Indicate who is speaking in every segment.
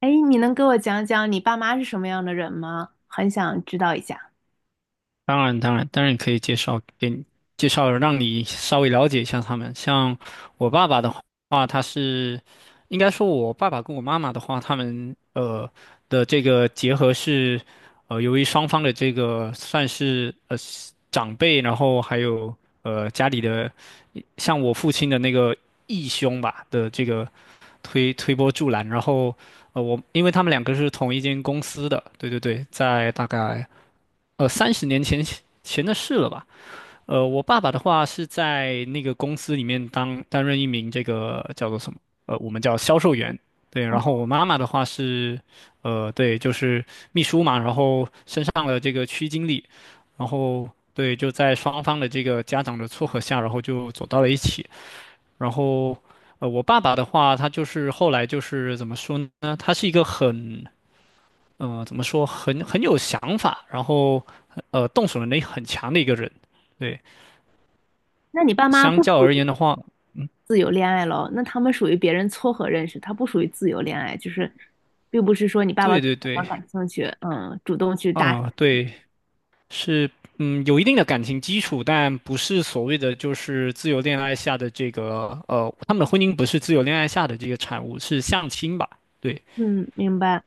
Speaker 1: 哎，你能给我讲讲你爸妈是什么样的人吗？很想知道一下。
Speaker 2: 当然，当然，当然可以介绍给你，介绍让你稍微了解一下他们。像我爸爸的话，他是应该说，我爸爸跟我妈妈的话，他们的这个结合是，由于双方的这个算是长辈，然后还有家里的，像我父亲的那个义兄吧的这个推波助澜，然后我因为他们两个是同一间公司的，对对对，在大概。30年前的事了吧？我爸爸的话是在那个公司里面当担任一名这个叫做什么？我们叫销售员。对，
Speaker 1: 哦，
Speaker 2: 然后我妈妈的话是，对，就是秘书嘛，然后升上了这个区经理，然后对，就在双方的这个家长的撮合下，然后就走到了一起。然后，我爸爸的话，他就是后来就是怎么说呢？他是一个很怎么说，很有想法，然后动手能力很强的一个人。对，
Speaker 1: 那你爸妈
Speaker 2: 相
Speaker 1: 不属
Speaker 2: 较而
Speaker 1: 于
Speaker 2: 言的话，
Speaker 1: 自由恋爱咯？那他们属于别人撮合认识，他不属于自由恋爱，并不是说你爸爸
Speaker 2: 对
Speaker 1: 对
Speaker 2: 对
Speaker 1: 妈
Speaker 2: 对，
Speaker 1: 感兴趣，嗯，主动去搭讪。
Speaker 2: 嗯，对，是嗯，有一定的感情基础，但不是所谓的就是自由恋爱下的这个,他们的婚姻不是自由恋爱下的这个产物，是相亲吧？对，
Speaker 1: 嗯，明白。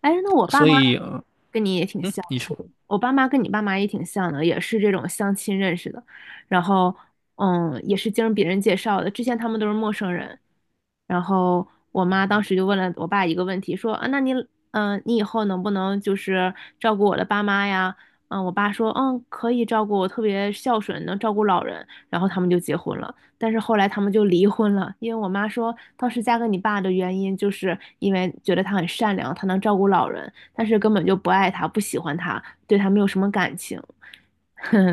Speaker 1: 哎，那我爸
Speaker 2: 所
Speaker 1: 妈
Speaker 2: 以呃
Speaker 1: 跟你也挺
Speaker 2: 嗯，
Speaker 1: 像
Speaker 2: 你说。
Speaker 1: 的，我爸妈跟你爸妈也挺像的，也是这种相亲认识的，然后嗯，也是经别人介绍的，之前他们都是陌生人，然后我妈当时就问了我爸一个问题，说啊，那你你以后能不能照顾我的爸妈呀？嗯，我爸说嗯可以照顾我，特别孝顺，能照顾老人，然后他们就结婚了。但是后来他们就离婚了，因为我妈说当时嫁给你爸的原因，就是因为觉得他很善良，他能照顾老人，但是根本就不爱他，不喜欢他，对他没有什么感情。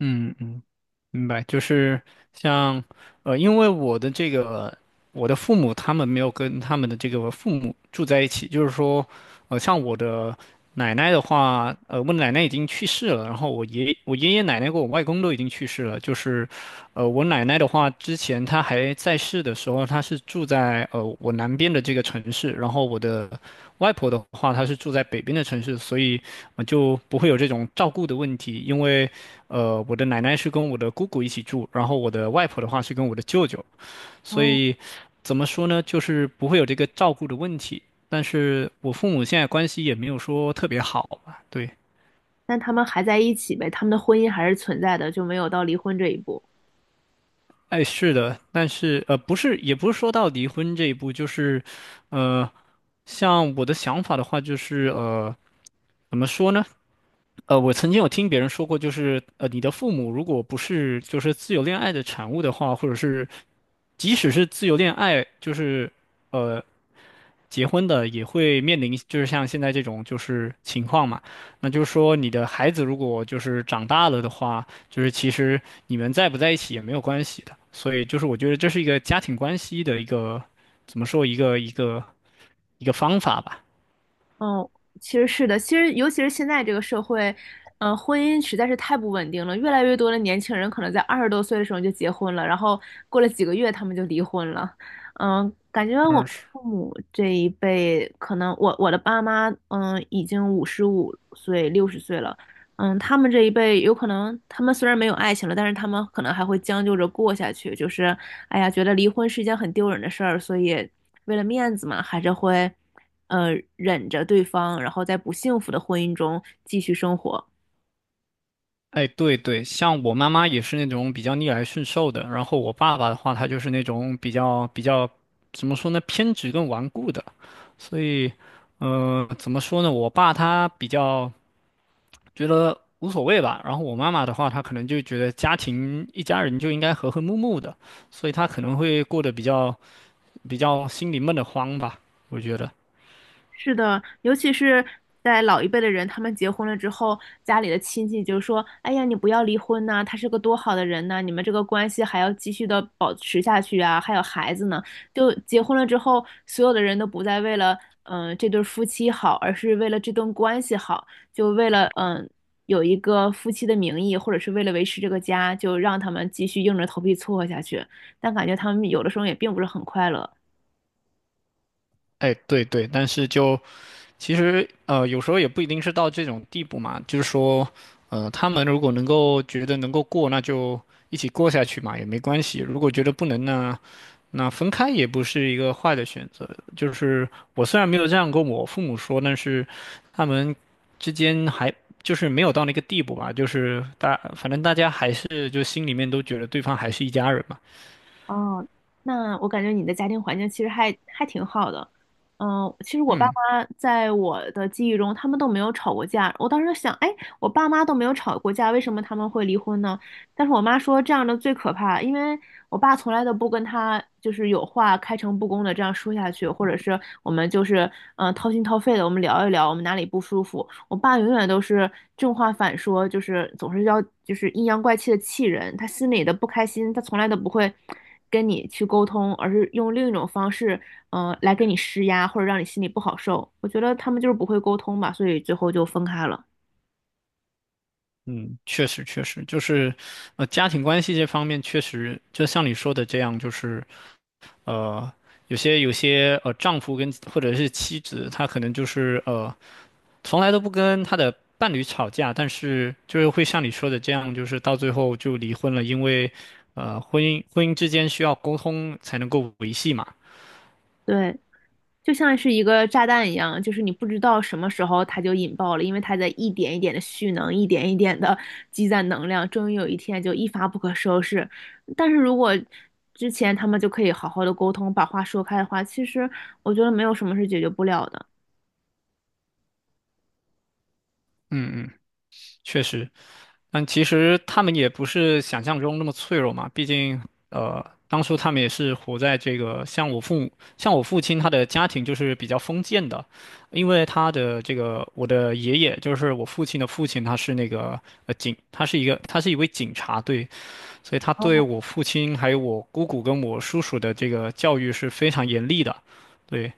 Speaker 2: 嗯嗯，明白，就是像，因为我的这个，我的父母他们没有跟他们的这个父母住在一起，就是说，像我的奶奶的话，我奶奶已经去世了，然后我爷爷奶奶跟我外公都已经去世了，就是，我奶奶的话，之前她还在世的时候，她是住在我南边的这个城市，然后我的外婆的话，她是住在北边的城市，所以我就不会有这种照顾的问题，因为。我的奶奶是跟我的姑姑一起住，然后我的外婆的话是跟我的舅舅，所
Speaker 1: 哦，
Speaker 2: 以怎么说呢，就是不会有这个照顾的问题。但是我父母现在关系也没有说特别好吧？对，
Speaker 1: 但他们还在一起呗，他们的婚姻还是存在的，就没有到离婚这一步。
Speaker 2: 哎，是的，但是,不是，也不是说到离婚这一步，就是，呃，像我的想法的话，就是,怎么说呢？我曾经有听别人说过，就是,你的父母如果不是就是自由恋爱的产物的话，或者是即使是自由恋爱，就是呃结婚的，也会面临就是像现在这种就是情况嘛。那就是说，你的孩子如果就是长大了的话，就是其实你们在不在一起也没有关系的。所以就是我觉得这是一个家庭关系的一个怎么说一个一个方法吧。
Speaker 1: 嗯，其实是的，其实尤其是现在这个社会，嗯，婚姻实在是太不稳定了。越来越多的年轻人可能在20多岁的时候就结婚了，然后过了几个月他们就离婚了。嗯，感觉我们
Speaker 2: 嗯，是
Speaker 1: 父母这一辈，可能我的爸妈，嗯，已经55岁、60岁了。嗯，他们这一辈有可能，他们虽然没有爱情了，但是他们可能还会将就着过下去。就是，哎呀，觉得离婚是一件很丢人的事儿，所以为了面子嘛，还是会。忍着对方，然后在不幸福的婚姻中继续生活。
Speaker 2: 哎，对对，像我妈妈也是那种比较逆来顺受的，然后我爸爸的话，他就是那种比较，怎么说呢，偏执跟顽固的。所以，怎么说呢，我爸他比较觉得无所谓吧，然后我妈妈的话，她可能就觉得家庭一家人就应该和和睦睦的，所以她可能会过得比较心里闷得慌吧，我觉得。
Speaker 1: 是的，尤其是在老一辈的人，他们结婚了之后，家里的亲戚就说：“哎呀，你不要离婚呐、他是个多好的人呐、你们这个关系还要继续的保持下去啊，还有孩子呢。”就结婚了之后，所有的人都不再为了这对夫妻好，而是为了这段关系好，就为了有一个夫妻的名义，或者是为了维持这个家，就让他们继续硬着头皮撮合下去。但感觉他们有的时候也并不是很快乐。
Speaker 2: 哎，对对，但是就其实,有时候也不一定是到这种地步嘛，就是说，他们如果能够觉得能够过，那就一起过下去嘛，也没关系。如果觉得不能呢，那分开也不是一个坏的选择。就是我虽然没有这样跟我父母说，但是他们之间还就是没有到那个地步吧，就是大，反正大家还是就心里面都觉得对方还是一家人嘛。
Speaker 1: 哦，那我感觉你的家庭环境其实还挺好的。嗯，其实我爸
Speaker 2: 嗯。
Speaker 1: 妈在我的记忆中，他们都没有吵过架。我当时想，哎，我爸妈都没有吵过架，为什么他们会离婚呢？但是我妈说这样的最可怕，因为我爸从来都不跟他有话开诚布公的这样说下去，或者是我们嗯掏心掏肺的我们聊一聊我们哪里不舒服。我爸永远都是正话反说，总是要阴阳怪气的气人。他心里的不开心，他从来都不会跟你去沟通，而是用另一种方式，嗯，来给你施压或者让你心里不好受。我觉得他们就是不会沟通吧，所以最后就分开了。
Speaker 2: 嗯，确实确实，就是，家庭关系这方面确实，就像你说的这样，就是呃，有些丈夫跟或者是妻子，他可能就是从来都不跟他的伴侣吵架，但是就是会像你说的这样，就是到最后就离婚了，因为婚姻之间需要沟通才能够维系嘛。
Speaker 1: 对，就像是一个炸弹一样，就是你不知道什么时候它就引爆了，因为它在一点一点的蓄能，一点一点的积攒能量，终于有一天就一发不可收拾。但是如果之前他们就可以好好的沟通，把话说开的话，其实我觉得没有什么是解决不了的。
Speaker 2: 嗯嗯，确实。但其实他们也不是想象中那么脆弱嘛，毕竟，当初他们也是活在这个像我父母，像我父亲他的家庭就是比较封建的，因为他的这个我的爷爷就是我父亲的父亲，他是那个他是他是一位警察，对，所以他对我父亲还有我姑姑跟我叔叔的这个教育是非常严厉的，对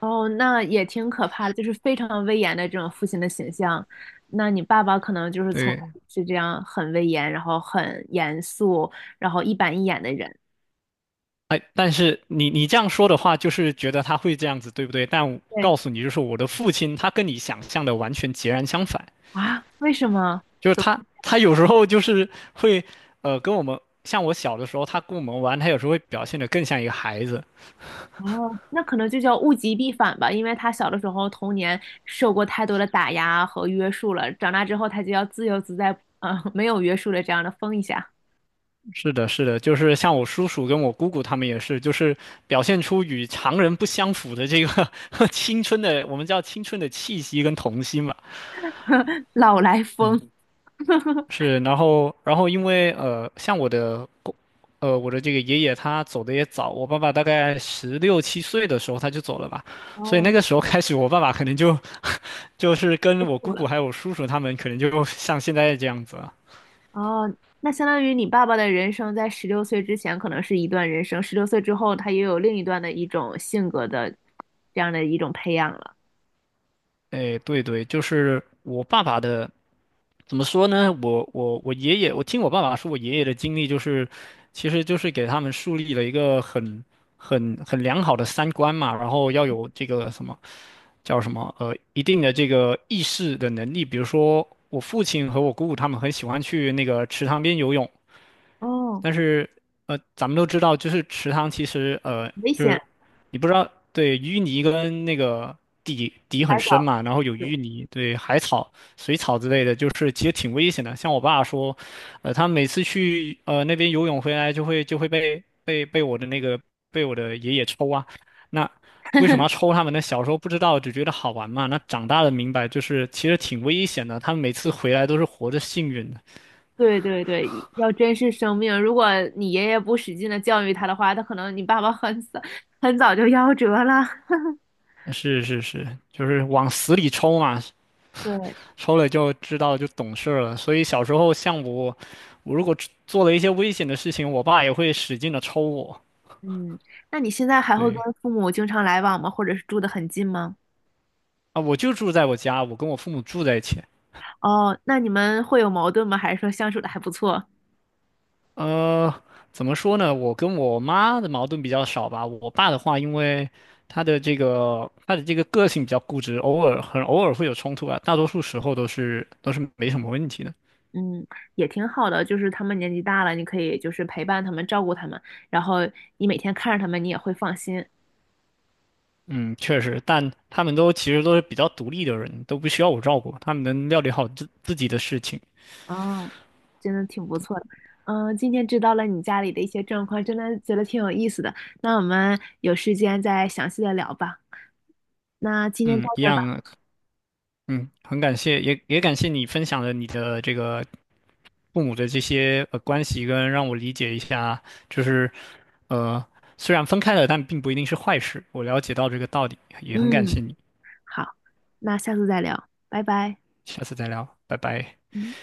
Speaker 1: 哦，那也挺可怕的，就是非常威严的这种父亲的形象。那你爸爸可能就是从
Speaker 2: 对，
Speaker 1: 是这样很威严，然后很严肃，然后一板一眼的人。
Speaker 2: 哎，但是你这样说的话，就是觉得他会这样子，对不对？但我
Speaker 1: 对
Speaker 2: 告诉你，就是我的父亲，他跟你想象的完全截然相反，
Speaker 1: 啊，为什么？
Speaker 2: 就是他有时候就是会，跟我们像我小的时候，他跟我们玩，他有时候会表现得更像一个孩子。
Speaker 1: 哦，那可能就叫物极必反吧，因为他小的时候童年受过太多的打压和约束了，长大之后他就要自由自在，没有约束的这样的疯一下，
Speaker 2: 是的，是的，就是像我叔叔跟我姑姑他们也是，就是表现出与常人不相符的这个 青春的，我们叫青春的气息跟童心嘛。
Speaker 1: 老来疯。
Speaker 2: 是，然后，然后因为,像我的我的这个爷爷他走的也早，我爸爸大概16、7岁的时候他就走了吧，所以那
Speaker 1: 哦，
Speaker 2: 个时候开始，我爸爸可能就就是
Speaker 1: 不
Speaker 2: 跟我
Speaker 1: 酷
Speaker 2: 姑姑
Speaker 1: 了。
Speaker 2: 还有我叔叔他们，可能就 像现在这样子了。
Speaker 1: 哦，那相当于你爸爸的人生在十六岁之前可能是一段人生，十六岁之后他也有另一段的一种性格的这样的一种培养了。
Speaker 2: 哎，对对，就是我爸爸的，怎么说呢？我爷爷，我听我爸爸说，我爷爷的经历就是，其实就是给他们树立了一个很良好的三观嘛，然后要有这个什么。叫什么一定的这个意识的能力，比如说我父亲和我姑姑他们很喜欢去那个池塘边游泳，
Speaker 1: 哦，
Speaker 2: 但是咱们都知道，就是池塘其实,
Speaker 1: 危
Speaker 2: 就
Speaker 1: 险，
Speaker 2: 是你不知道，对，淤泥跟那个底很
Speaker 1: 还
Speaker 2: 深
Speaker 1: 早。
Speaker 2: 嘛，然后有淤泥，对，海草、水草之类的，就是其实挺危险的。像我爸说，他每次去那边游泳回来，就会被我的那个被我的爷爷抽啊。那为什么要抽他们呢？小时候不知道，只觉得好玩嘛。那长大了明白，就是其实挺危险的。他们每次回来都是活着幸运的。
Speaker 1: 对对对，要珍视生命。如果你爷爷不使劲的教育他的话，他可能你爸爸很早就夭折了。
Speaker 2: 是是是，就是往死里抽嘛，
Speaker 1: 对，
Speaker 2: 抽了就知道就懂事儿了。所以小时候像我，我如果做了一些危险的事情，我爸也会使劲的抽我。
Speaker 1: 嗯，那你现在还会跟
Speaker 2: 对
Speaker 1: 父母经常来往吗？或者是住的很近吗？
Speaker 2: 啊，我就住在我家，我跟我父母住在一起。
Speaker 1: 哦，那你们会有矛盾吗？还是说相处的还不错？
Speaker 2: 呃，怎么说呢？我跟我妈的矛盾比较少吧。我爸的话，因为他的这个个性比较固执，偶尔很偶尔会有冲突啊，大多数时候都是没什么问题的。
Speaker 1: 嗯，也挺好的，就是他们年纪大了，你可以就是陪伴他们，照顾他们，然后你每天看着他们，你也会放心。
Speaker 2: 嗯，确实，但他们都其实都是比较独立的人，都不需要我照顾，他们能料理好自己的事情。
Speaker 1: 哦，真的挺不错的。嗯，今天知道了你家里的一些状况，真的觉得挺有意思的。那我们有时间再详细的聊吧。那今天到
Speaker 2: 嗯，一
Speaker 1: 这儿吧。
Speaker 2: 样啊嗯，很感谢，也感谢你分享了你的这个父母的这些关系，跟让我理解一下，就是呃虽然分开了，但并不一定是坏事。我了解到这个道理，也很感
Speaker 1: 嗯，
Speaker 2: 谢你，
Speaker 1: 好，那下次再聊，拜拜。
Speaker 2: 下次再聊，拜拜。
Speaker 1: 嗯。